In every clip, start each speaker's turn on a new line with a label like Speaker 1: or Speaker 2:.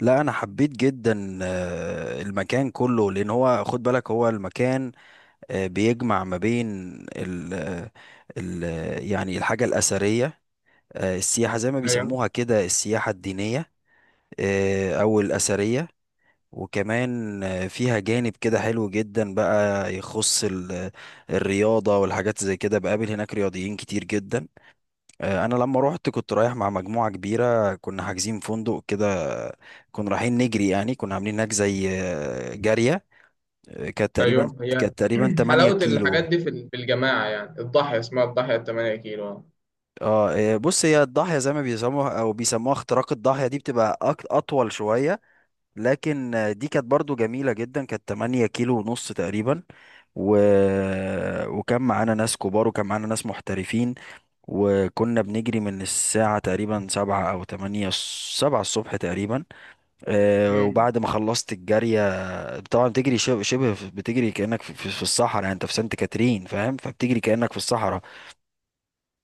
Speaker 1: لا، انا حبيت جدا المكان كله. لان هو، خد بالك، هو المكان بيجمع ما بين ال آه، ال يعني الحاجه الاثريه، السياحه، زي ما
Speaker 2: ايوه
Speaker 1: بيسموها كده، السياحه الدينيه او الاثريه. وكمان فيها جانب كده حلو جدا بقى، يخص الرياضه والحاجات زي كده. بقابل هناك رياضيين كتير جدا. انا لما روحت كنت رايح مع مجموعه كبيره، كنا حاجزين فندق كده. كنا رايحين نجري، يعني كنا عاملين هناك زي جاريه. كانت تقريبا،
Speaker 2: ايوه، هي
Speaker 1: 8
Speaker 2: حلاوه الحاجات
Speaker 1: كيلو.
Speaker 2: دي في الجماعه، يعني الضاحيه اسمها الضاحيه 8 كيلو.
Speaker 1: بص، هي الضاحيه زي ما بيسموها، او بيسموها اختراق الضاحيه، دي بتبقى اطول شويه، لكن دي كانت برضو جميله جدا. كانت 8 كيلو ونص تقريبا، و... وكان معانا ناس كبار، وكان معانا ناس محترفين. وكنا بنجري من الساعة تقريبا سبعة أو تمانية، سبعة الصبح تقريبا.
Speaker 2: امم
Speaker 1: وبعد ما خلصت الجارية، طبعا بتجري شبه بتجري كأنك في الصحراء. يعني انت في سانت كاترين، فاهم، فبتجري كأنك في الصحراء.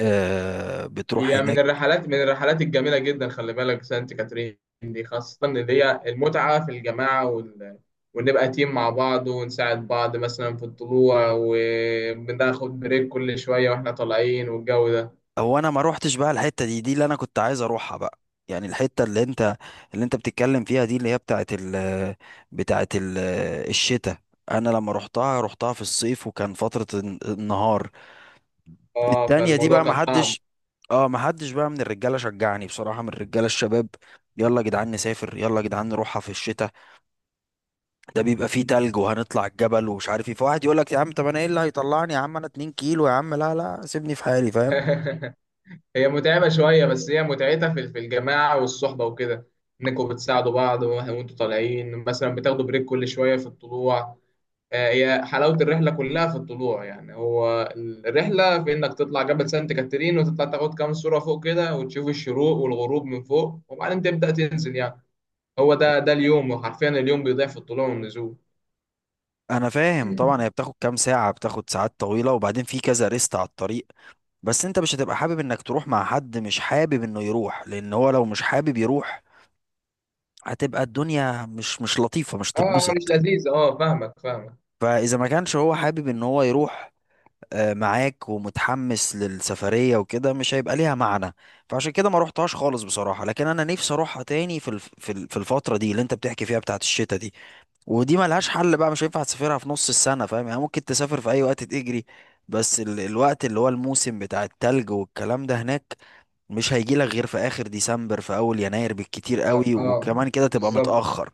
Speaker 1: بتروح
Speaker 2: هي من
Speaker 1: هناك.
Speaker 2: الرحلات الجميله جدا، خلي بالك سانت كاترين دي، خاصه اللي هي المتعه في الجماعه ونبقى تيم مع بعض ونساعد بعض مثلا في الطلوع، وبناخد بريك كل شويه واحنا طالعين، والجو ده.
Speaker 1: هو انا ما روحتش بقى الحتة دي اللي انا كنت عايز اروحها بقى. يعني الحتة اللي انت بتتكلم فيها دي، اللي هي بتاعت ال الشتاء. انا لما روحتها، روحتها في الصيف، وكان فترة النهار
Speaker 2: اه،
Speaker 1: التانية دي بقى.
Speaker 2: فالموضوع كان صعب.
Speaker 1: محدش، اه محدش بقى من الرجالة شجعني بصراحة، من الرجالة الشباب. يلا يا جدعان نسافر، يلا يا جدعان نروحها في الشتاء، ده بيبقى فيه تلج وهنطلع الجبل ومش عارف ايه. فواحد يقول لك: يا عم طب انا ايه اللي هيطلعني يا عم؟ انا 2 كيلو يا عم، لا لا سيبني في حالي فاهم.
Speaker 2: هي متعبة شوية، بس هي متعتها في الجماعة والصحبة وكده، إنكم بتساعدوا بعض وه- وأنتوا طالعين مثلا بتاخدوا بريك كل شوية في الطلوع. هي حلاوة الرحلة كلها في الطلوع، يعني هو الرحلة في إنك تطلع جبل سانت كاترين، وتطلع تاخد كام صورة فوق كده، وتشوف الشروق والغروب من فوق، وبعدين تبدأ تنزل يعني. هو ده اليوم، وحرفيا اليوم بيضيع في الطلوع والنزول.
Speaker 1: انا فاهم طبعا، هي بتاخد كام ساعة، بتاخد ساعات طويلة، وبعدين في كذا ريست على الطريق. بس انت مش هتبقى حابب انك تروح مع حد مش حابب انه يروح. لان هو لو مش حابب يروح، هتبقى الدنيا مش لطيفة، مش تتبسط.
Speaker 2: مش لذيذ، فاهمك فاهمك.
Speaker 1: فاذا ما كانش هو حابب ان هو يروح معاك ومتحمس للسفرية وكده، مش هيبقى ليها معنى. فعشان كده ما روحتهاش خالص بصراحة، لكن انا نفسي اروحها تاني في الفترة دي، اللي انت بتحكي فيها، بتاعت الشتاء دي. ودي ملهاش حل بقى، مش هينفع تسافرها في نص السنة، فاهم، يعني ممكن تسافر في اي وقت تجري. بس الوقت اللي هو الموسم بتاع التلج والكلام ده هناك، مش هيجي لك غير في اخر ديسمبر، في اول يناير بالكتير
Speaker 2: آه
Speaker 1: قوي،
Speaker 2: آه،
Speaker 1: وكمان كده تبقى
Speaker 2: بالظبط،
Speaker 1: متأخر.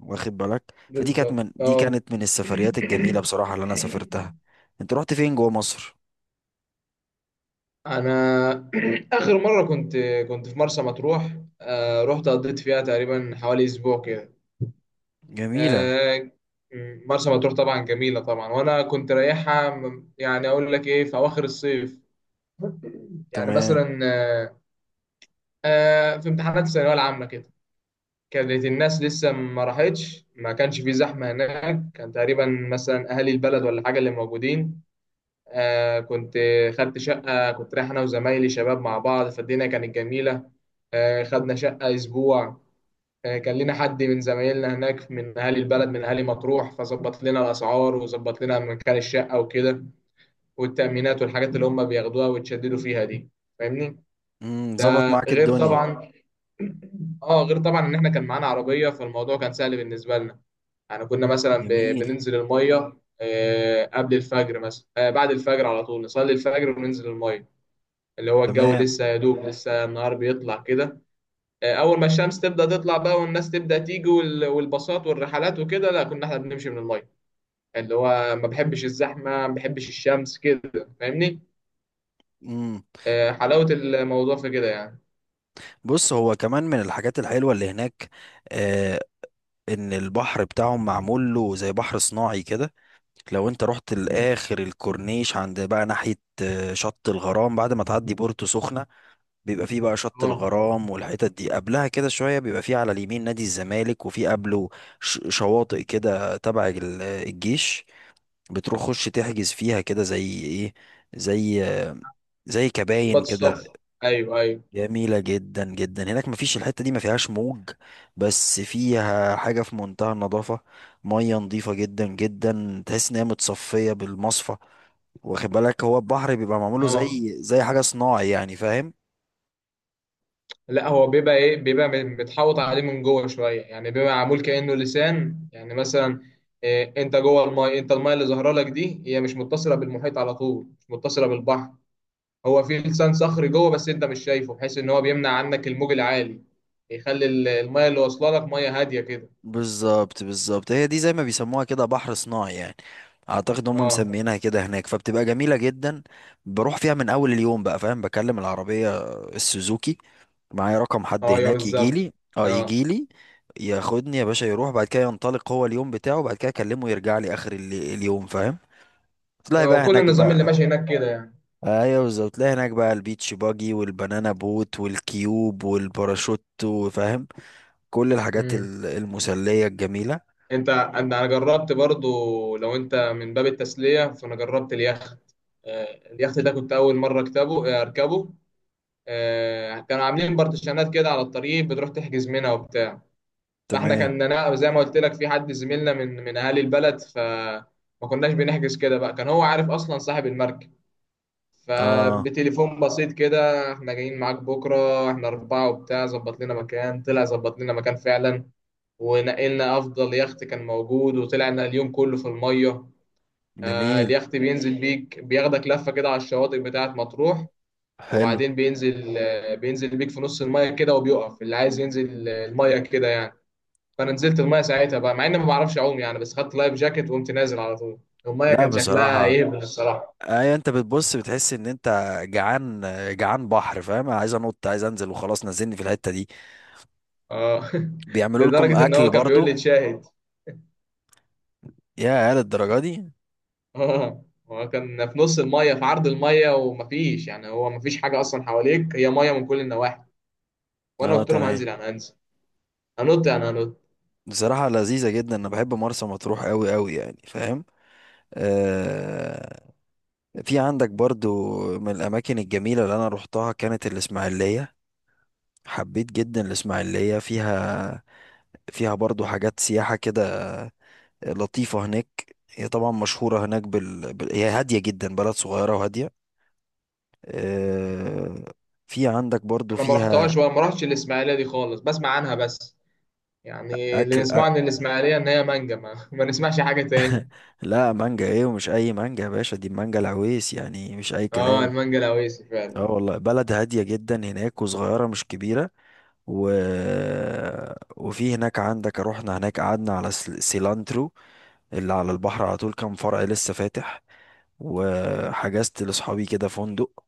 Speaker 1: واخد بالك. فدي كانت
Speaker 2: بالظبط،
Speaker 1: من، دي كانت من السفريات الجميلة بصراحة اللي انا سافرتها. انت رحت فين جوه مصر؟
Speaker 2: انا اخر مره كنت، كنت في مرسى مطروح. رحت قضيت فيها تقريبا حوالي اسبوع كده.
Speaker 1: جميلة.
Speaker 2: آه، مرسى مطروح طبعا جميله طبعا، وانا كنت رايحها يعني اقول لك ايه، في اواخر الصيف، يعني
Speaker 1: تمام.
Speaker 2: مثلا، في امتحانات الثانويه العامه كده. كانت الناس لسه ما راحتش، ما كانش في زحمه هناك، كان تقريبا مثلا اهالي البلد ولا حاجه اللي موجودين. كنت خدت شقة، كنت رايح أنا وزمايلي شباب مع بعض، فالدنيا كانت جميلة. خدنا شقة أسبوع. كان لنا حد من زمايلنا هناك من أهالي البلد، من أهالي مطروح، فظبط لنا الأسعار، وظبط لنا مكان الشقة وكده، والتأمينات والحاجات اللي هم بياخدوها ويتشددوا فيها دي. فاهمني؟
Speaker 1: امم،
Speaker 2: ده
Speaker 1: ظبط معاك
Speaker 2: غير
Speaker 1: الدنيا.
Speaker 2: طبعا، اه غير طبعا ان احنا كان معانا عربيه، فالموضوع كان سهل بالنسبه لنا. يعني كنا مثلا
Speaker 1: جميل.
Speaker 2: بننزل الميه قبل الفجر مثلا، بعد الفجر على طول نصلي الفجر وننزل الميه، اللي هو الجو
Speaker 1: تمام.
Speaker 2: لسه يا دوب، لسه النهار بيطلع كده. اول ما الشمس تبدا تطلع بقى، والناس تبدا تيجي وال- والباصات والرحلات وكده، لا كنا احنا بنمشي من الميه، اللي هو ما بحبش الزحمه، ما بحبش الشمس كده، فاهمني.
Speaker 1: امم.
Speaker 2: حلاوه الموضوع في كده يعني.
Speaker 1: بص، هو كمان من الحاجات الحلوة اللي هناك، آه، ان البحر بتاعهم معمول له زي بحر صناعي كده. لو انت رحت لاخر الكورنيش، عند بقى ناحية شط الغرام، بعد ما تعدي بورتو سخنة، بيبقى فيه بقى شط
Speaker 2: اه،
Speaker 1: الغرام. والحتت دي قبلها كده شوية بيبقى فيه على اليمين نادي الزمالك، وفيه قبله شواطئ كده تبع الجيش، بتروح خش تحجز فيها، كده زي ايه، زي، زي
Speaker 2: ضباط
Speaker 1: كباين كده.
Speaker 2: الصف. ايوه، ايوه.
Speaker 1: جميلة جدا جدا هناك، مفيش، الحتة دي ما فيهاش موج، بس فيها حاجة في منتهى النظافة. مية نظيفة جدا جدا، تحس ان هي متصفية بالمصفى. واخد بالك، هو البحر بيبقى معموله
Speaker 2: اه،
Speaker 1: زي، زي حاجة صناعي يعني، فاهم.
Speaker 2: لا هو بيبقى ايه، بيبقى متحوط عليه من جوه شويه، يعني بيبقى معمول كانه لسان يعني. مثلا إيه، انت جوه المايه، انت المايه اللي ظاهره لك دي هي مش متصله بالمحيط على طول، مش متصله بالبحر. هو في لسان صخري جوه، بس انت مش شايفه، بحيث ان هو بيمنع عنك الموج العالي، يخلي الميه اللي واصله لك ميه هاديه كده.
Speaker 1: بالظبط بالظبط، هي دي زي ما بيسموها كده بحر صناعي يعني. اعتقد هم
Speaker 2: اه،
Speaker 1: مسمينها كده هناك، فبتبقى جميله جدا. بروح فيها من اول اليوم بقى، فاهم، بكلم العربيه، السوزوكي، معايا رقم حد
Speaker 2: اه يا
Speaker 1: هناك يجي
Speaker 2: بالظبط.
Speaker 1: لي، اه،
Speaker 2: اه،
Speaker 1: يجي لي ياخدني يا باشا. يروح بعد كده ينطلق هو اليوم بتاعه، بعد كده اكلمه يرجع لي اخر اليوم فاهم. تلاقي
Speaker 2: اه
Speaker 1: بقى
Speaker 2: وكل
Speaker 1: هناك
Speaker 2: النظام اللي
Speaker 1: بقى،
Speaker 2: ماشي هناك كده يعني.
Speaker 1: ايوه بالظبط، تلاقي هناك بقى البيتش باجي والبنانا بوت والكيوب والباراشوت، وفاهم، كل الحاجات
Speaker 2: امم
Speaker 1: المسليه الجميله.
Speaker 2: انت أنا جربت برضو، لو انت من باب التسليه، فانا جربت اليخت. اليخت ده كنت اول مره اركبه. كانوا عاملين بارتيشنات كده على الطريق، بتروح تحجز منها وبتاع. فاحنا
Speaker 1: تمام.
Speaker 2: كان، انا زي ما قلت لك، في حد زميلنا من اهالي البلد، فما كناش بنحجز كده بقى، كان هو عارف اصلا صاحب المركب.
Speaker 1: اه.
Speaker 2: فبتليفون بسيط كده، احنا جايين معاك بكره، احنا اربعه وبتاع، ظبط لنا مكان، طلع ظبط لنا مكان فعلا. ونقلنا افضل يخت كان موجود، وطلعنا اليوم كله في الميه.
Speaker 1: جميل.
Speaker 2: اليخت بينزل بيك، بياخدك لفه كده على الشواطئ بتاعه مطروح.
Speaker 1: حلو.
Speaker 2: وبعدين بينزل بيك في نص الميه كده، وبيقف اللي عايز ينزل الميه كده يعني. فانا نزلت المايه ساعتها بقى، مع اني ما بعرفش اعوم يعني، بس خدت لايف جاكيت وقمت نازل على طول. المايه
Speaker 1: لا
Speaker 2: كان شكلها
Speaker 1: بصراحة،
Speaker 2: يهبل الصراحه.
Speaker 1: اي انت بتبص بتحس ان انت جعان، جعان بحر فاهم، عايز انط، عايز انزل وخلاص، نزلني في الحتة دي.
Speaker 2: اه
Speaker 1: بيعملوا لكم
Speaker 2: لدرجه ان
Speaker 1: اكل
Speaker 2: هو كان بيقول لي
Speaker 1: برضو؟
Speaker 2: تشاهد.
Speaker 1: يا للدرجة دي؟
Speaker 2: اه، هو كان في نص المايه، في عرض المايه، ومفيش يعني، هو مفيش حاجه اصلا حواليك، هي مايه من كل النواحي. وانا
Speaker 1: اه.
Speaker 2: قلت لهم
Speaker 1: تمام.
Speaker 2: هنزل، انا هنزل، هنط.
Speaker 1: بصراحة لذيذة جدا، انا بحب مرسى مطروح قوي قوي يعني فاهم. آه. في عندك برضو، من الاماكن الجميلة اللي انا روحتها كانت الاسماعيلية. حبيت جدا الاسماعيلية، فيها، فيها برضو حاجات سياحة كده لطيفة هناك. هي طبعا مشهورة هناك هي هادية جدا، بلد صغيرة وهادية. آه، في عندك برضو
Speaker 2: انا ما رحتهاش،
Speaker 1: فيها
Speaker 2: وما رحتش الاسماعيليه دي خالص، بسمع عنها بس. يعني اللي
Speaker 1: أكل
Speaker 2: نسمعه عن الاسماعيليه ان هي مانجا، ما, ما نسمعش حاجه تاني.
Speaker 1: لا، مانجا إيه؟ ومش أي مانجا يا باشا، دي مانجا العويس، يعني مش أي
Speaker 2: اه،
Speaker 1: كلام.
Speaker 2: المانجا الاويسي فعلا.
Speaker 1: اه والله، بلد هادية جدا هناك وصغيرة، مش كبيرة. و... وفي هناك عندك، روحنا هناك قعدنا على سيلانترو، اللي على البحر على طول، كان فرع لسه فاتح. وحجزت لأصحابي كده فندق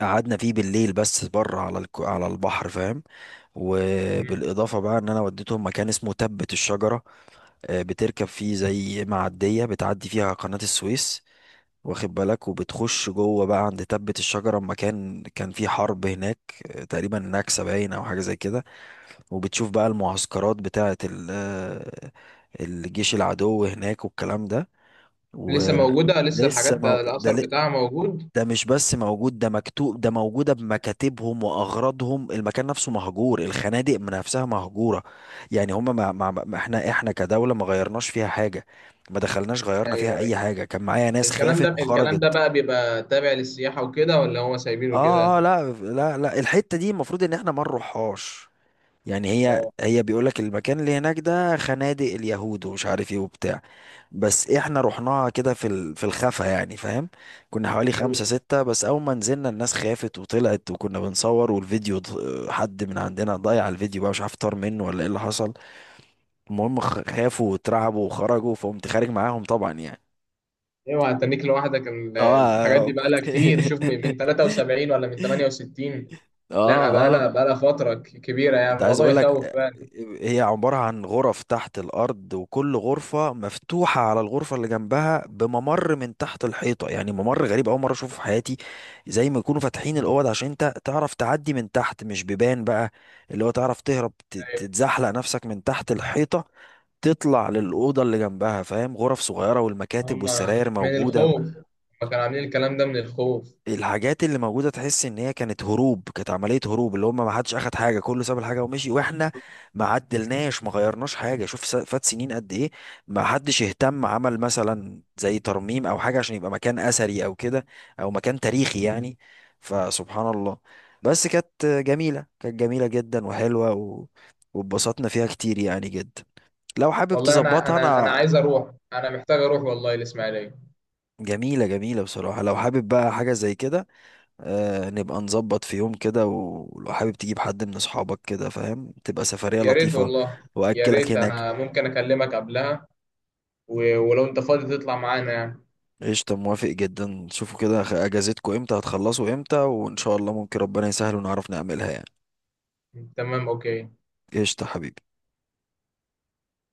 Speaker 1: قعدنا فيه بالليل، بس بره على البحر فاهم. وبالاضافه بقى، ان انا وديتهم مكان اسمه تبة الشجره، بتركب فيه زي معديه بتعدي فيها قناه السويس، واخد بالك، وبتخش جوه بقى عند تبة الشجره، مكان كان فيه حرب هناك تقريبا نكسه باين، او حاجه زي كده. وبتشوف بقى المعسكرات بتاعه ال... آه، الجيش العدو هناك والكلام ده. و
Speaker 2: لسه موجودة، لسه
Speaker 1: لسه
Speaker 2: الحاجات
Speaker 1: ما ده
Speaker 2: الأثر بتاعها موجود.
Speaker 1: ده مش بس موجود، ده مكتوب، ده موجودة بمكاتبهم وأغراضهم. المكان نفسه مهجور، الخنادق من نفسها مهجورة. يعني هما احنا كدولة ما غيرناش فيها حاجة، ما دخلناش غيرنا فيها
Speaker 2: أيوه
Speaker 1: أي
Speaker 2: أيوه
Speaker 1: حاجة. كان معايا ناس
Speaker 2: الكلام ده،
Speaker 1: خافت
Speaker 2: الكلام ده
Speaker 1: وخرجت.
Speaker 2: بقى بيبقى تابع للسياحة وكده، ولا هو سايبينه
Speaker 1: اه اه،
Speaker 2: كده؟
Speaker 1: لا لا لا، الحتة دي المفروض ان احنا ما نروحهاش. يعني هي
Speaker 2: اه،
Speaker 1: هي بيقول لك المكان اللي هناك ده خنادق اليهود ومش عارف ايه وبتاع. بس احنا رحناها كده في الخفا يعني فاهم. كنا حوالي
Speaker 2: أيوه
Speaker 1: خمسة ستة، بس اول ما نزلنا الناس خافت وطلعت. وكنا بنصور، والفيديو حد من عندنا ضيع الفيديو بقى، مش عارف طار منه ولا ايه اللي حصل. المهم خافوا واترعبوا وخرجوا، فقمت خارج معاهم طبعا يعني.
Speaker 2: أيوه. هتنيك لوحدك الحاجات دي
Speaker 1: اه
Speaker 2: بقالها كتير، شوف من 73 ولا من 68. لا
Speaker 1: اه اه،
Speaker 2: بقالها، بقالها فترة كبيرة، يعني
Speaker 1: ده عايز
Speaker 2: الموضوع
Speaker 1: اقول
Speaker 2: يخوف
Speaker 1: لك،
Speaker 2: فعلا.
Speaker 1: هي عبارة عن غرف تحت الارض، وكل غرفة مفتوحة على الغرفة اللي جنبها بممر من تحت الحيطة. يعني ممر غريب، اول مرة اشوفه في حياتي، زي ما يكونوا فاتحين الاوض عشان انت تعرف تعدي من تحت، مش بيبان بقى. اللي هو تعرف تهرب،
Speaker 2: أيوه،
Speaker 1: تتزحلق نفسك من تحت الحيطة، تطلع للأوضة اللي جنبها فاهم. غرف صغيرة والمكاتب
Speaker 2: هما
Speaker 1: والسراير
Speaker 2: من
Speaker 1: موجودة.
Speaker 2: الخوف، هما كانوا عاملين الكلام ده من الخوف.
Speaker 1: الحاجات اللي موجودة تحس ان هي كانت هروب، كانت عملية هروب، اللي هم ما حدش اخد حاجة، كله ساب الحاجة ومشي، واحنا ما عدلناش ما غيرناش حاجة. شوف، فات سنين قد ايه، ما حدش اهتم عمل مثلا زي ترميم او حاجة عشان يبقى مكان اثري او كده، او مكان تاريخي يعني. فسبحان الله. بس كانت جميلة، كانت جميلة جدا وحلوة، واتبسطنا فيها كتير يعني جدا. لو حابب
Speaker 2: والله أنا
Speaker 1: تظبطها،
Speaker 2: أنا أنا
Speaker 1: انا،
Speaker 2: عايز أروح، أنا محتاج أروح والله الإسماعيلية.
Speaker 1: جميلة جميلة بصراحة، لو حابب بقى حاجة زي كده، آه، نبقى نظبط في يوم كده، و- ولو حابب تجيب حد من اصحابك كده فاهم، تبقى سفرية
Speaker 2: يا ريت
Speaker 1: لطيفة.
Speaker 2: والله. يا
Speaker 1: واكلك
Speaker 2: ريت،
Speaker 1: هناك.
Speaker 2: أنا ممكن أكلمك قبلها، و- ولو انت فاضي تطلع معانا يعني.
Speaker 1: قشطة، موافق جدا. شوفوا كده، اجازتكوا امتى، هتخلصوا امتى، وان شاء الله ممكن ربنا يسهل ونعرف نعملها يعني.
Speaker 2: تمام، اوكي.
Speaker 1: قشطة حبيبي.